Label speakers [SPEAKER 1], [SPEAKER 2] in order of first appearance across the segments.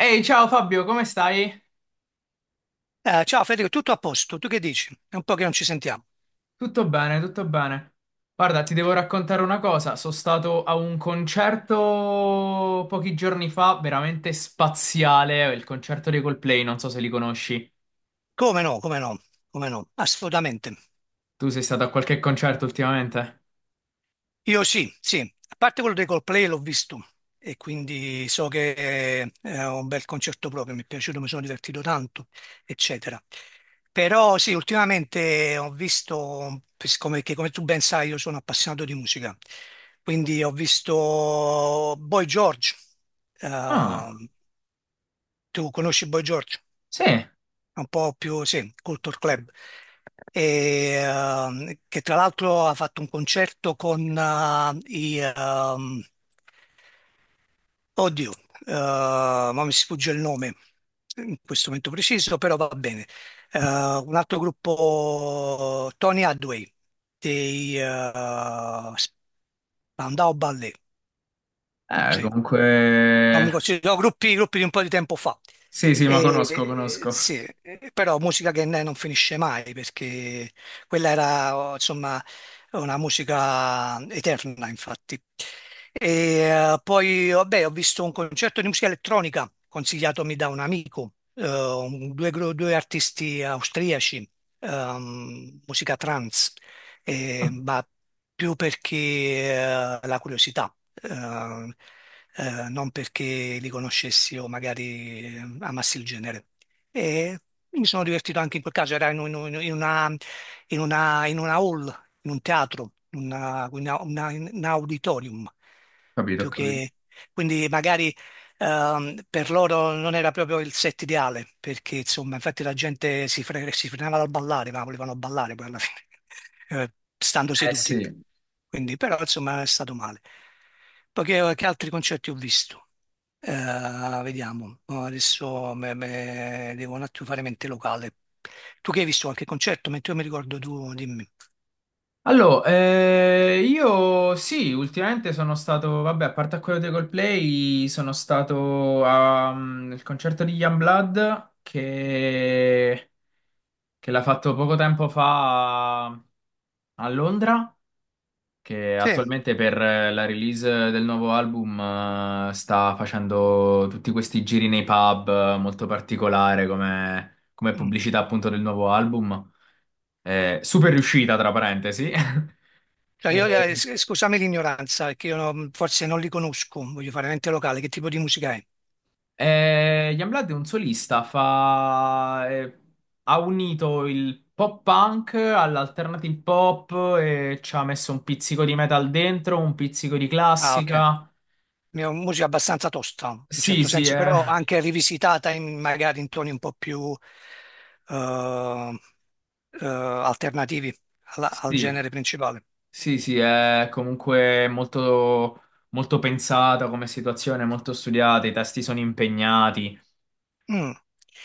[SPEAKER 1] Ehi, ciao Fabio, come stai?
[SPEAKER 2] Ciao Federico, tutto a posto? Tu che dici? È un po' che non ci sentiamo.
[SPEAKER 1] Tutto bene, tutto bene. Guarda, ti devo raccontare una cosa. Sono stato a un concerto pochi giorni fa, veramente spaziale, il concerto dei Coldplay, non so se li conosci.
[SPEAKER 2] Come no, come no, come no, assolutamente.
[SPEAKER 1] Tu sei stato a qualche concerto ultimamente?
[SPEAKER 2] Io sì, sì, a parte quello dei Coldplay l'ho visto e quindi so che è un bel concerto proprio, mi è piaciuto, mi sono divertito tanto, eccetera. Però sì, ultimamente ho visto, siccome che come tu ben sai io sono appassionato di musica, quindi ho visto Boy George.
[SPEAKER 1] Ah,
[SPEAKER 2] Eh, tu conosci Boy George?
[SPEAKER 1] sì.
[SPEAKER 2] Un po' più, sì, Culture Club, e, che tra l'altro ha fatto un concerto con oddio, eh, ma mi sfugge il nome in questo momento preciso, però va bene. Un altro gruppo, Tony Hadway, dei Spandau Ballet, sì, non mi
[SPEAKER 1] Comunque...
[SPEAKER 2] considero, no, gruppi, gruppi di un po' di tempo fa.
[SPEAKER 1] Sì, sì, ma conosco, conosco.
[SPEAKER 2] Sì, però musica che non finisce mai perché quella era oh, insomma una musica eterna, infatti. E, Poi vabbè, ho visto un concerto di musica elettronica consigliatomi da un amico, due, due artisti austriaci, musica trance ma più perché la curiosità, eh, non perché li conoscessi o magari amassi il genere. E mi sono divertito anche in quel caso, era in una, in una hall, in un teatro, in una- in un auditorium,
[SPEAKER 1] Capito,
[SPEAKER 2] più
[SPEAKER 1] capito.
[SPEAKER 2] che... Quindi magari per loro non era proprio il set ideale, perché insomma, infatti la gente si frenava dal ballare, ma volevano ballare poi alla fine, eh, stando
[SPEAKER 1] Eh
[SPEAKER 2] seduti.
[SPEAKER 1] sì.
[SPEAKER 2] Quindi, però, insomma, è stato male. Poi che altri concerti ho visto? Vediamo, no, adesso devo un attimo fare mente locale. Tu che hai visto qualche concerto? Mentre io mi ricordo tu, dimmi.
[SPEAKER 1] Allora, io sì, ultimamente sono stato, vabbè, a parte a quello dei Coldplay, sono stato a, al concerto di Youngblood che l'ha fatto poco tempo fa a Londra, che
[SPEAKER 2] Sì,
[SPEAKER 1] attualmente per la release del nuovo album sta facendo tutti questi giri nei pub, molto particolare come, come
[SPEAKER 2] mm,
[SPEAKER 1] pubblicità appunto del nuovo album. Super
[SPEAKER 2] mm.
[SPEAKER 1] riuscita, tra parentesi.
[SPEAKER 2] Cioè,
[SPEAKER 1] Eh,
[SPEAKER 2] io, scusami l'ignoranza, perché io non- forse non li conosco, voglio fare mente locale, che tipo di musica è?
[SPEAKER 1] Ian Blood è un solista, ha unito il pop punk all'alternative pop e ci ha messo un pizzico di metal dentro, un pizzico di
[SPEAKER 2] Ah, ok.
[SPEAKER 1] classica.
[SPEAKER 2] Musica abbastanza tosta, in
[SPEAKER 1] Sì,
[SPEAKER 2] certo
[SPEAKER 1] sì,
[SPEAKER 2] senso,
[SPEAKER 1] è...
[SPEAKER 2] però anche rivisitata in, magari in toni un po' più eh, alternativi al
[SPEAKER 1] sì,
[SPEAKER 2] genere principale.
[SPEAKER 1] sì, sì, è comunque molto, molto pensata come situazione, molto studiata, i testi sono impegnati.
[SPEAKER 2] Mm.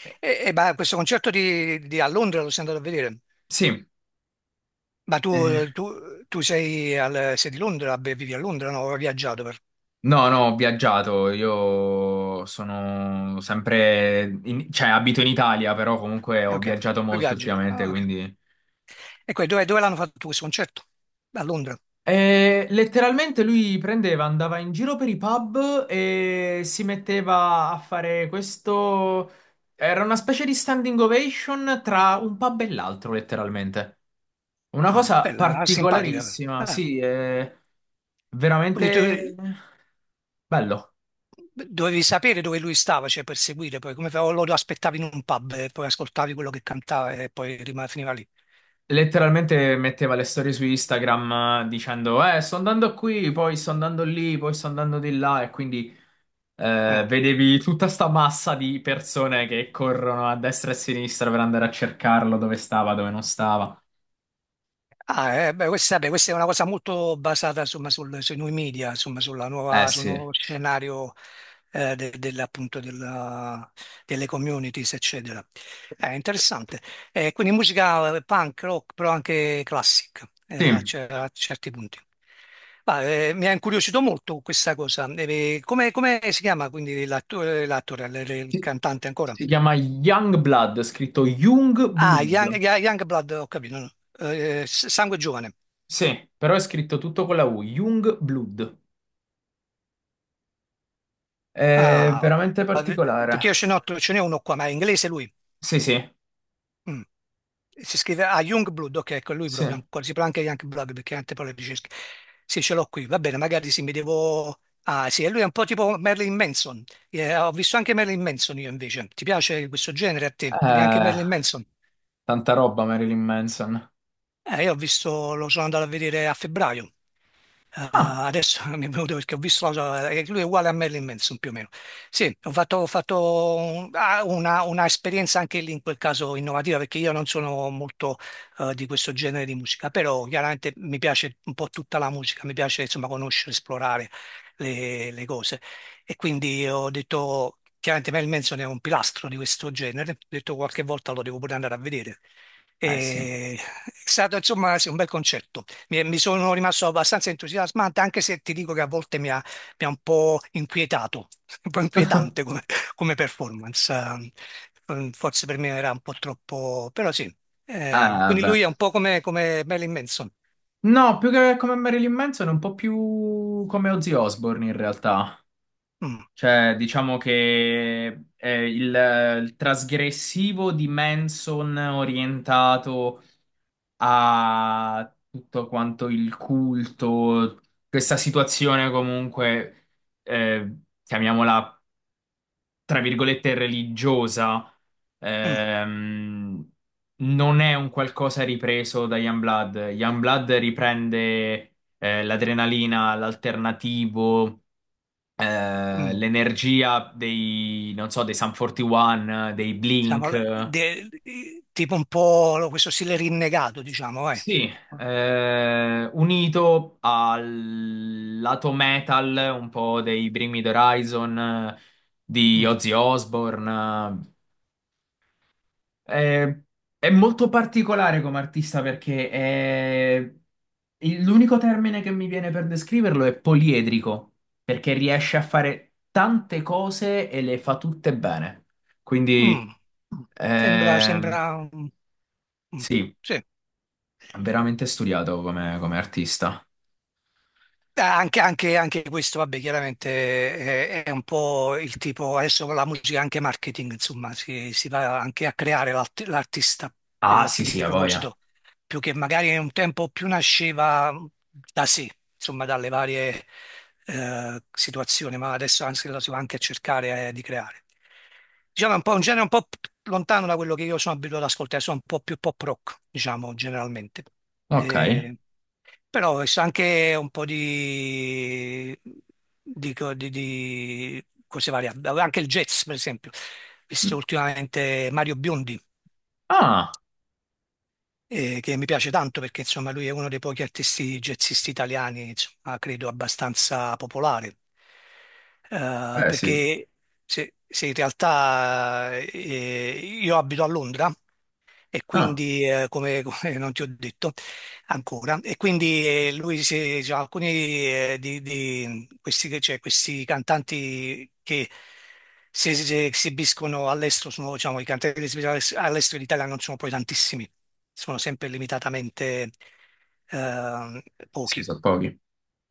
[SPEAKER 1] Eh,
[SPEAKER 2] E, beh, questo concerto a Londra lo sei andato a vedere.
[SPEAKER 1] Sì,
[SPEAKER 2] Ma tu,
[SPEAKER 1] eh,
[SPEAKER 2] tu sei, sei di Londra, beh, vivi a Londra, no? Ho viaggiato per...
[SPEAKER 1] no, no, ho viaggiato, io sono sempre, cioè abito in Italia, però comunque ho
[SPEAKER 2] Ok,
[SPEAKER 1] viaggiato
[SPEAKER 2] poi
[SPEAKER 1] molto
[SPEAKER 2] viaggi.
[SPEAKER 1] ultimamente,
[SPEAKER 2] Ah, ok.
[SPEAKER 1] quindi...
[SPEAKER 2] E poi dove, dove l'hanno fatto questo concerto? A Londra.
[SPEAKER 1] E letteralmente lui prendeva, andava in giro per i pub e si metteva a fare questo... Era una specie di standing ovation tra un pub e l'altro, letteralmente. Una
[SPEAKER 2] Ah,
[SPEAKER 1] cosa
[SPEAKER 2] bella, simpatica.
[SPEAKER 1] particolarissima,
[SPEAKER 2] Ah,
[SPEAKER 1] sì, è
[SPEAKER 2] quindi tu,
[SPEAKER 1] veramente bello.
[SPEAKER 2] dovevi sapere dove lui stava, cioè per seguire, poi o lo aspettavi in un pub e poi ascoltavi quello che cantava e poi finiva lì.
[SPEAKER 1] Letteralmente metteva le storie su Instagram, dicendo: sto andando qui, poi sto andando lì, poi sto andando di là. E quindi
[SPEAKER 2] Ah,
[SPEAKER 1] vedevi tutta sta massa di persone che corrono a destra e a sinistra per andare a cercarlo dove stava, dove non stava.
[SPEAKER 2] ah, beh, questa, vabbè, questa è una cosa molto basata insomma, sui nuovi media, insomma, sulla
[SPEAKER 1] Eh
[SPEAKER 2] nuova, sul
[SPEAKER 1] sì.
[SPEAKER 2] nuovo scenario appunto, delle communities, eccetera. È interessante. Quindi musica punk, rock, però anche classic
[SPEAKER 1] Sì,
[SPEAKER 2] a certi punti. Ma, mi ha incuriosito molto questa cosa. Come, come si chiama quindi l'attore, l'attore, il
[SPEAKER 1] si
[SPEAKER 2] cantante ancora?
[SPEAKER 1] si chiama Youngblood, scritto
[SPEAKER 2] Ah,
[SPEAKER 1] Youngblood.
[SPEAKER 2] Youngblood, ho capito. No? Sangue Giovane.
[SPEAKER 1] Sì, però è scritto tutto con la U, Youngblood. È
[SPEAKER 2] Ah,
[SPEAKER 1] veramente
[SPEAKER 2] eh,
[SPEAKER 1] particolare.
[SPEAKER 2] perché io ce n'ho, ce n'è uno qua, ma è inglese lui.
[SPEAKER 1] Sì, sì,
[SPEAKER 2] Mm. Si scrive ah, Youngblood, ok, ecco lui
[SPEAKER 1] sì.
[SPEAKER 2] proprio. Ancora. Si parla anche Youngblood perché tante parole di ricerca. Sì, ce l'ho qui, va bene, magari sì, mi devo... Ah, sì, e lui è un po' tipo Merlin Manson. Ho visto anche Merlin Manson io invece. Ti piace questo genere a te? Quindi anche
[SPEAKER 1] Eh,
[SPEAKER 2] Merlin Manson?
[SPEAKER 1] tanta roba, Marilyn Manson.
[SPEAKER 2] Io ho visto, lo sono andato a vedere a febbraio.
[SPEAKER 1] Ah,
[SPEAKER 2] Adesso mi è venuto perché ho visto lui è uguale a Marilyn Manson più o meno. Sì, ho fatto una esperienza anche lì in quel caso innovativa perché io non sono molto di questo genere di musica, però chiaramente mi piace un po' tutta la musica, mi piace insomma conoscere, esplorare le cose e quindi ho detto, chiaramente Marilyn Manson è un pilastro di questo genere, ho detto qualche volta lo devo pure andare a vedere.
[SPEAKER 1] eh sì.
[SPEAKER 2] E- È stato insomma sì, un bel concerto. Mi sono rimasto abbastanza entusiasmante, anche se ti dico che a volte mi ha un po' inquietato, un po' inquietante come, come performance. Forse per me era un po' troppo, però sì. Quindi
[SPEAKER 1] Beh.
[SPEAKER 2] lui è un po' come, come Marilyn Manson.
[SPEAKER 1] No, più che come Marilyn Manson, è un po' più come Ozzy Osbourne in realtà.
[SPEAKER 2] Mm.
[SPEAKER 1] Cioè, diciamo che è il trasgressivo di Manson orientato a tutto quanto il culto, questa situazione comunque, eh, chiamiamola tra virgolette, religiosa,
[SPEAKER 2] Mm,
[SPEAKER 1] ehm, non è un qualcosa ripreso da Youngblood. Youngblood riprende, l'adrenalina, l'alternativo,
[SPEAKER 2] mm.
[SPEAKER 1] l'energia dei, non so, dei Sum 41, dei
[SPEAKER 2] Diciamo,
[SPEAKER 1] Blink.
[SPEAKER 2] tipo un po' questo stile rinnegato, diciamo, eh.
[SPEAKER 1] Sì, unito al lato metal un po' dei Bring Me the Horizon, di
[SPEAKER 2] Mm.
[SPEAKER 1] Ozzy Osbourne. Eh, è molto particolare come artista perché l'unico termine che mi viene per descriverlo è poliedrico, perché riesce a fare tante cose e le fa tutte bene.
[SPEAKER 2] Mm.
[SPEAKER 1] Quindi
[SPEAKER 2] Sembra, sembra,
[SPEAKER 1] ehm,
[SPEAKER 2] mm.
[SPEAKER 1] sì,
[SPEAKER 2] Sì.
[SPEAKER 1] è veramente studiato come, come artista.
[SPEAKER 2] Anche, anche questo, vabbè, chiaramente è un po' il tipo, adesso con la musica è anche marketing, insomma, si va anche a creare l'artista
[SPEAKER 1] Ah, sì, sì,
[SPEAKER 2] di
[SPEAKER 1] a voglia.
[SPEAKER 2] proposito, più che magari un tempo più nasceva da sé, insomma, dalle varie situazioni, ma adesso anzi lo si va anche a cercare di creare. Diciamo è un po' un genere un po' lontano da quello che io sono abituato ad ascoltare, sono un po' più pop rock, diciamo, generalmente.
[SPEAKER 1] Ok.
[SPEAKER 2] Eh, Però è anche un po' di, di cose varie, anche il jazz, per esempio.
[SPEAKER 1] Mm.
[SPEAKER 2] Visto ultimamente Mario Biondi
[SPEAKER 1] Ah,
[SPEAKER 2] che mi piace tanto perché insomma lui è uno dei pochi artisti jazzisti italiani, insomma, credo abbastanza popolare.
[SPEAKER 1] eh sì.
[SPEAKER 2] Perché se, se in realtà io abito a Londra e
[SPEAKER 1] Ah,
[SPEAKER 2] quindi, come, come non ti ho detto ancora, e quindi lui, cioè, alcuni di questi, cioè, questi cantanti che esibiscono all'estero, sono, diciamo, i cantanti che si esibiscono all'estero in Italia non sono poi tantissimi, sono sempre limitatamente eh,
[SPEAKER 1] sì,
[SPEAKER 2] pochi.
[SPEAKER 1] sono pochi.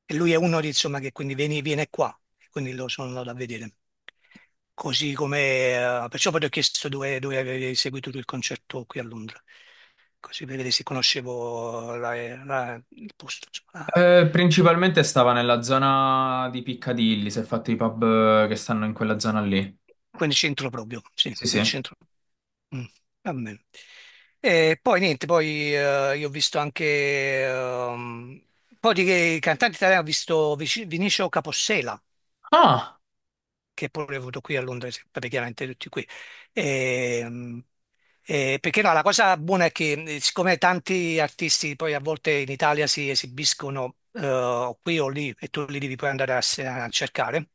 [SPEAKER 2] E lui è uno di, insomma, che quindi viene qua, e quindi lo sono andato a vedere. Così come, perciò poi ti ho chiesto dove, dove avevi seguito tu il concerto qui a Londra, così per vedere se conoscevo il posto, insomma,
[SPEAKER 1] Principalmente stava nella zona di Piccadilly, si è fatto i pub, che stanno in quella zona lì.
[SPEAKER 2] quel centro proprio, sì,
[SPEAKER 1] Sì,
[SPEAKER 2] nel
[SPEAKER 1] sì.
[SPEAKER 2] centro. Mm, va bene. E poi niente, poi io ho visto anche ehm, un po' di cantanti italiani, ho visto Vinicio Capossela,
[SPEAKER 1] Ah,
[SPEAKER 2] che pure ho avuto qui a Londra, vabbè, chiaramente tutti qui. E, mm, perché no, la cosa buona è che siccome tanti artisti poi a volte in Italia si esibiscono o qui o lì e tu li devi poi andare a, a cercare,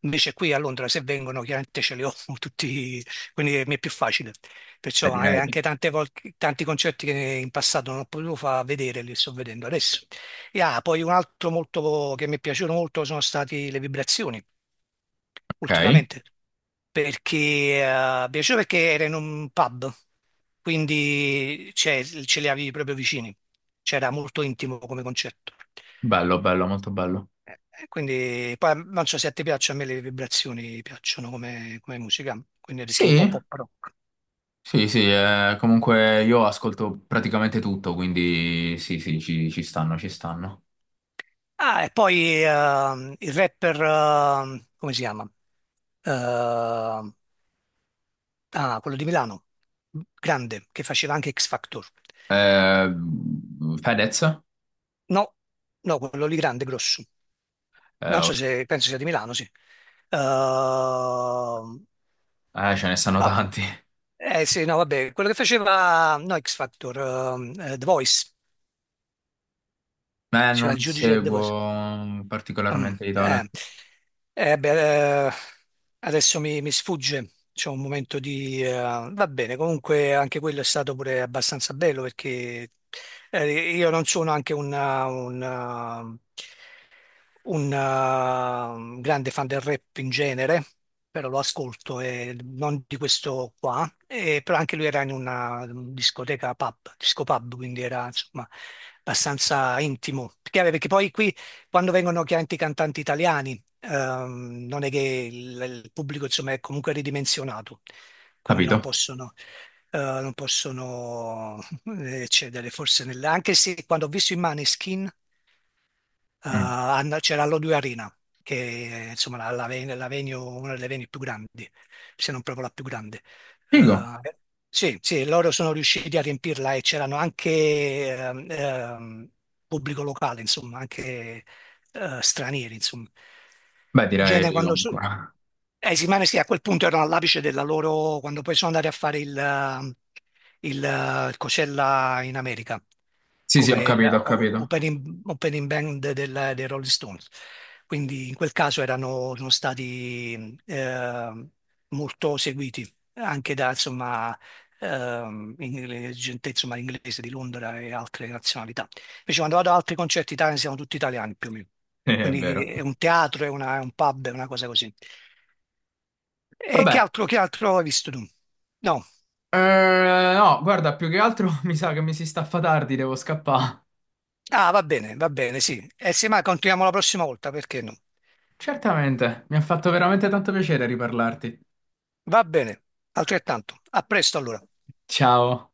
[SPEAKER 2] invece qui a Londra se vengono chiaramente ce li ho tutti, quindi mi è più facile.
[SPEAKER 1] eh,
[SPEAKER 2] Perciò magari anche
[SPEAKER 1] direi.
[SPEAKER 2] tanti concerti che in passato non ho potuto far vedere li sto vedendo adesso. E ah, poi un altro molto che mi è piaciuto molto sono state le vibrazioni
[SPEAKER 1] Ok.
[SPEAKER 2] ultimamente, perché mi piaceva perché era in un pub, quindi cioè, ce li avevi proprio vicini, c'era molto intimo come concetto.
[SPEAKER 1] Bello, bello, molto bello.
[SPEAKER 2] Quindi poi non so se a te piace, a me le vibrazioni piacciono come, come musica, quindi ho detto un po'
[SPEAKER 1] Sì,
[SPEAKER 2] pop rock.
[SPEAKER 1] sì, sì, comunque io ascolto praticamente tutto, quindi sì, sì, ci stanno, ci stanno.
[SPEAKER 2] Ah, e poi il rapper, come si chiama? Ehm, Ah, quello di Milano, grande, che faceva anche X Factor.
[SPEAKER 1] Eh, Fedez?
[SPEAKER 2] No, no, quello lì grande, grosso. Non
[SPEAKER 1] Oh,
[SPEAKER 2] so se penso sia di Milano, sì. Ehm,
[SPEAKER 1] ce ne stanno
[SPEAKER 2] ah,
[SPEAKER 1] tanti.
[SPEAKER 2] sì, no, vabbè, quello che faceva no, X Factor, The Voice, faceva il
[SPEAKER 1] Non
[SPEAKER 2] giudice a The Voice.
[SPEAKER 1] seguo
[SPEAKER 2] Mm,
[SPEAKER 1] particolarmente i
[SPEAKER 2] eh,
[SPEAKER 1] talent.
[SPEAKER 2] Beh, adesso mi, mi sfugge, c'è un momento di... va bene, comunque anche quello è stato pure abbastanza bello perché io non sono anche un, grande fan del rap in genere, però lo ascolto e non di questo qua, e, però anche lui era in una discoteca pub, disco pub, quindi era insomma abbastanza intimo. Perché, perché poi qui quando vengono chiaramente i cantanti italiani, non è che il pubblico insomma è comunque ridimensionato, quindi non
[SPEAKER 1] Capito?
[SPEAKER 2] possono... non possono eccedere forse anche se quando ho visto i Maneskin
[SPEAKER 1] Mm.
[SPEAKER 2] c'era l'O2 Arena, che è insomma, la, la venue, una delle venue più grandi, se non proprio la più grande.
[SPEAKER 1] Figo.
[SPEAKER 2] Eh, sì, sì, loro sono riusciti a riempirla e c'erano anche ehm, ehm, pubblico locale, insomma, anche stranieri, insomma.
[SPEAKER 1] Beh,
[SPEAKER 2] In
[SPEAKER 1] direi
[SPEAKER 2] genere quando...
[SPEAKER 1] comunque.
[SPEAKER 2] sì, ma sì, a quel punto erano all'apice della loro, quando poi sono andati a fare il, il Coachella in America
[SPEAKER 1] Sì, sì, ho
[SPEAKER 2] come sì.
[SPEAKER 1] capito, ho capito.
[SPEAKER 2] Opening, opening band dei Rolling Stones. Quindi in quel caso erano, sono stati molto seguiti anche da insomma, gente insomma, inglese di Londra e altre nazionalità. Invece quando vado ad altri concerti italiani siamo tutti italiani più o meno.
[SPEAKER 1] È
[SPEAKER 2] Quindi
[SPEAKER 1] vero.
[SPEAKER 2] è un teatro, è, è un pub, è una cosa così. E
[SPEAKER 1] Vabbè,
[SPEAKER 2] che altro hai visto tu? No.
[SPEAKER 1] no, guarda, più che altro mi sa che mi si staffa tardi, devo scappare.
[SPEAKER 2] Ah, va bene, sì. E se mai continuiamo la prossima volta, perché no?
[SPEAKER 1] Certamente, mi ha fatto veramente tanto piacere riparlarti.
[SPEAKER 2] Va bene, altrettanto. A presto allora.
[SPEAKER 1] Ciao.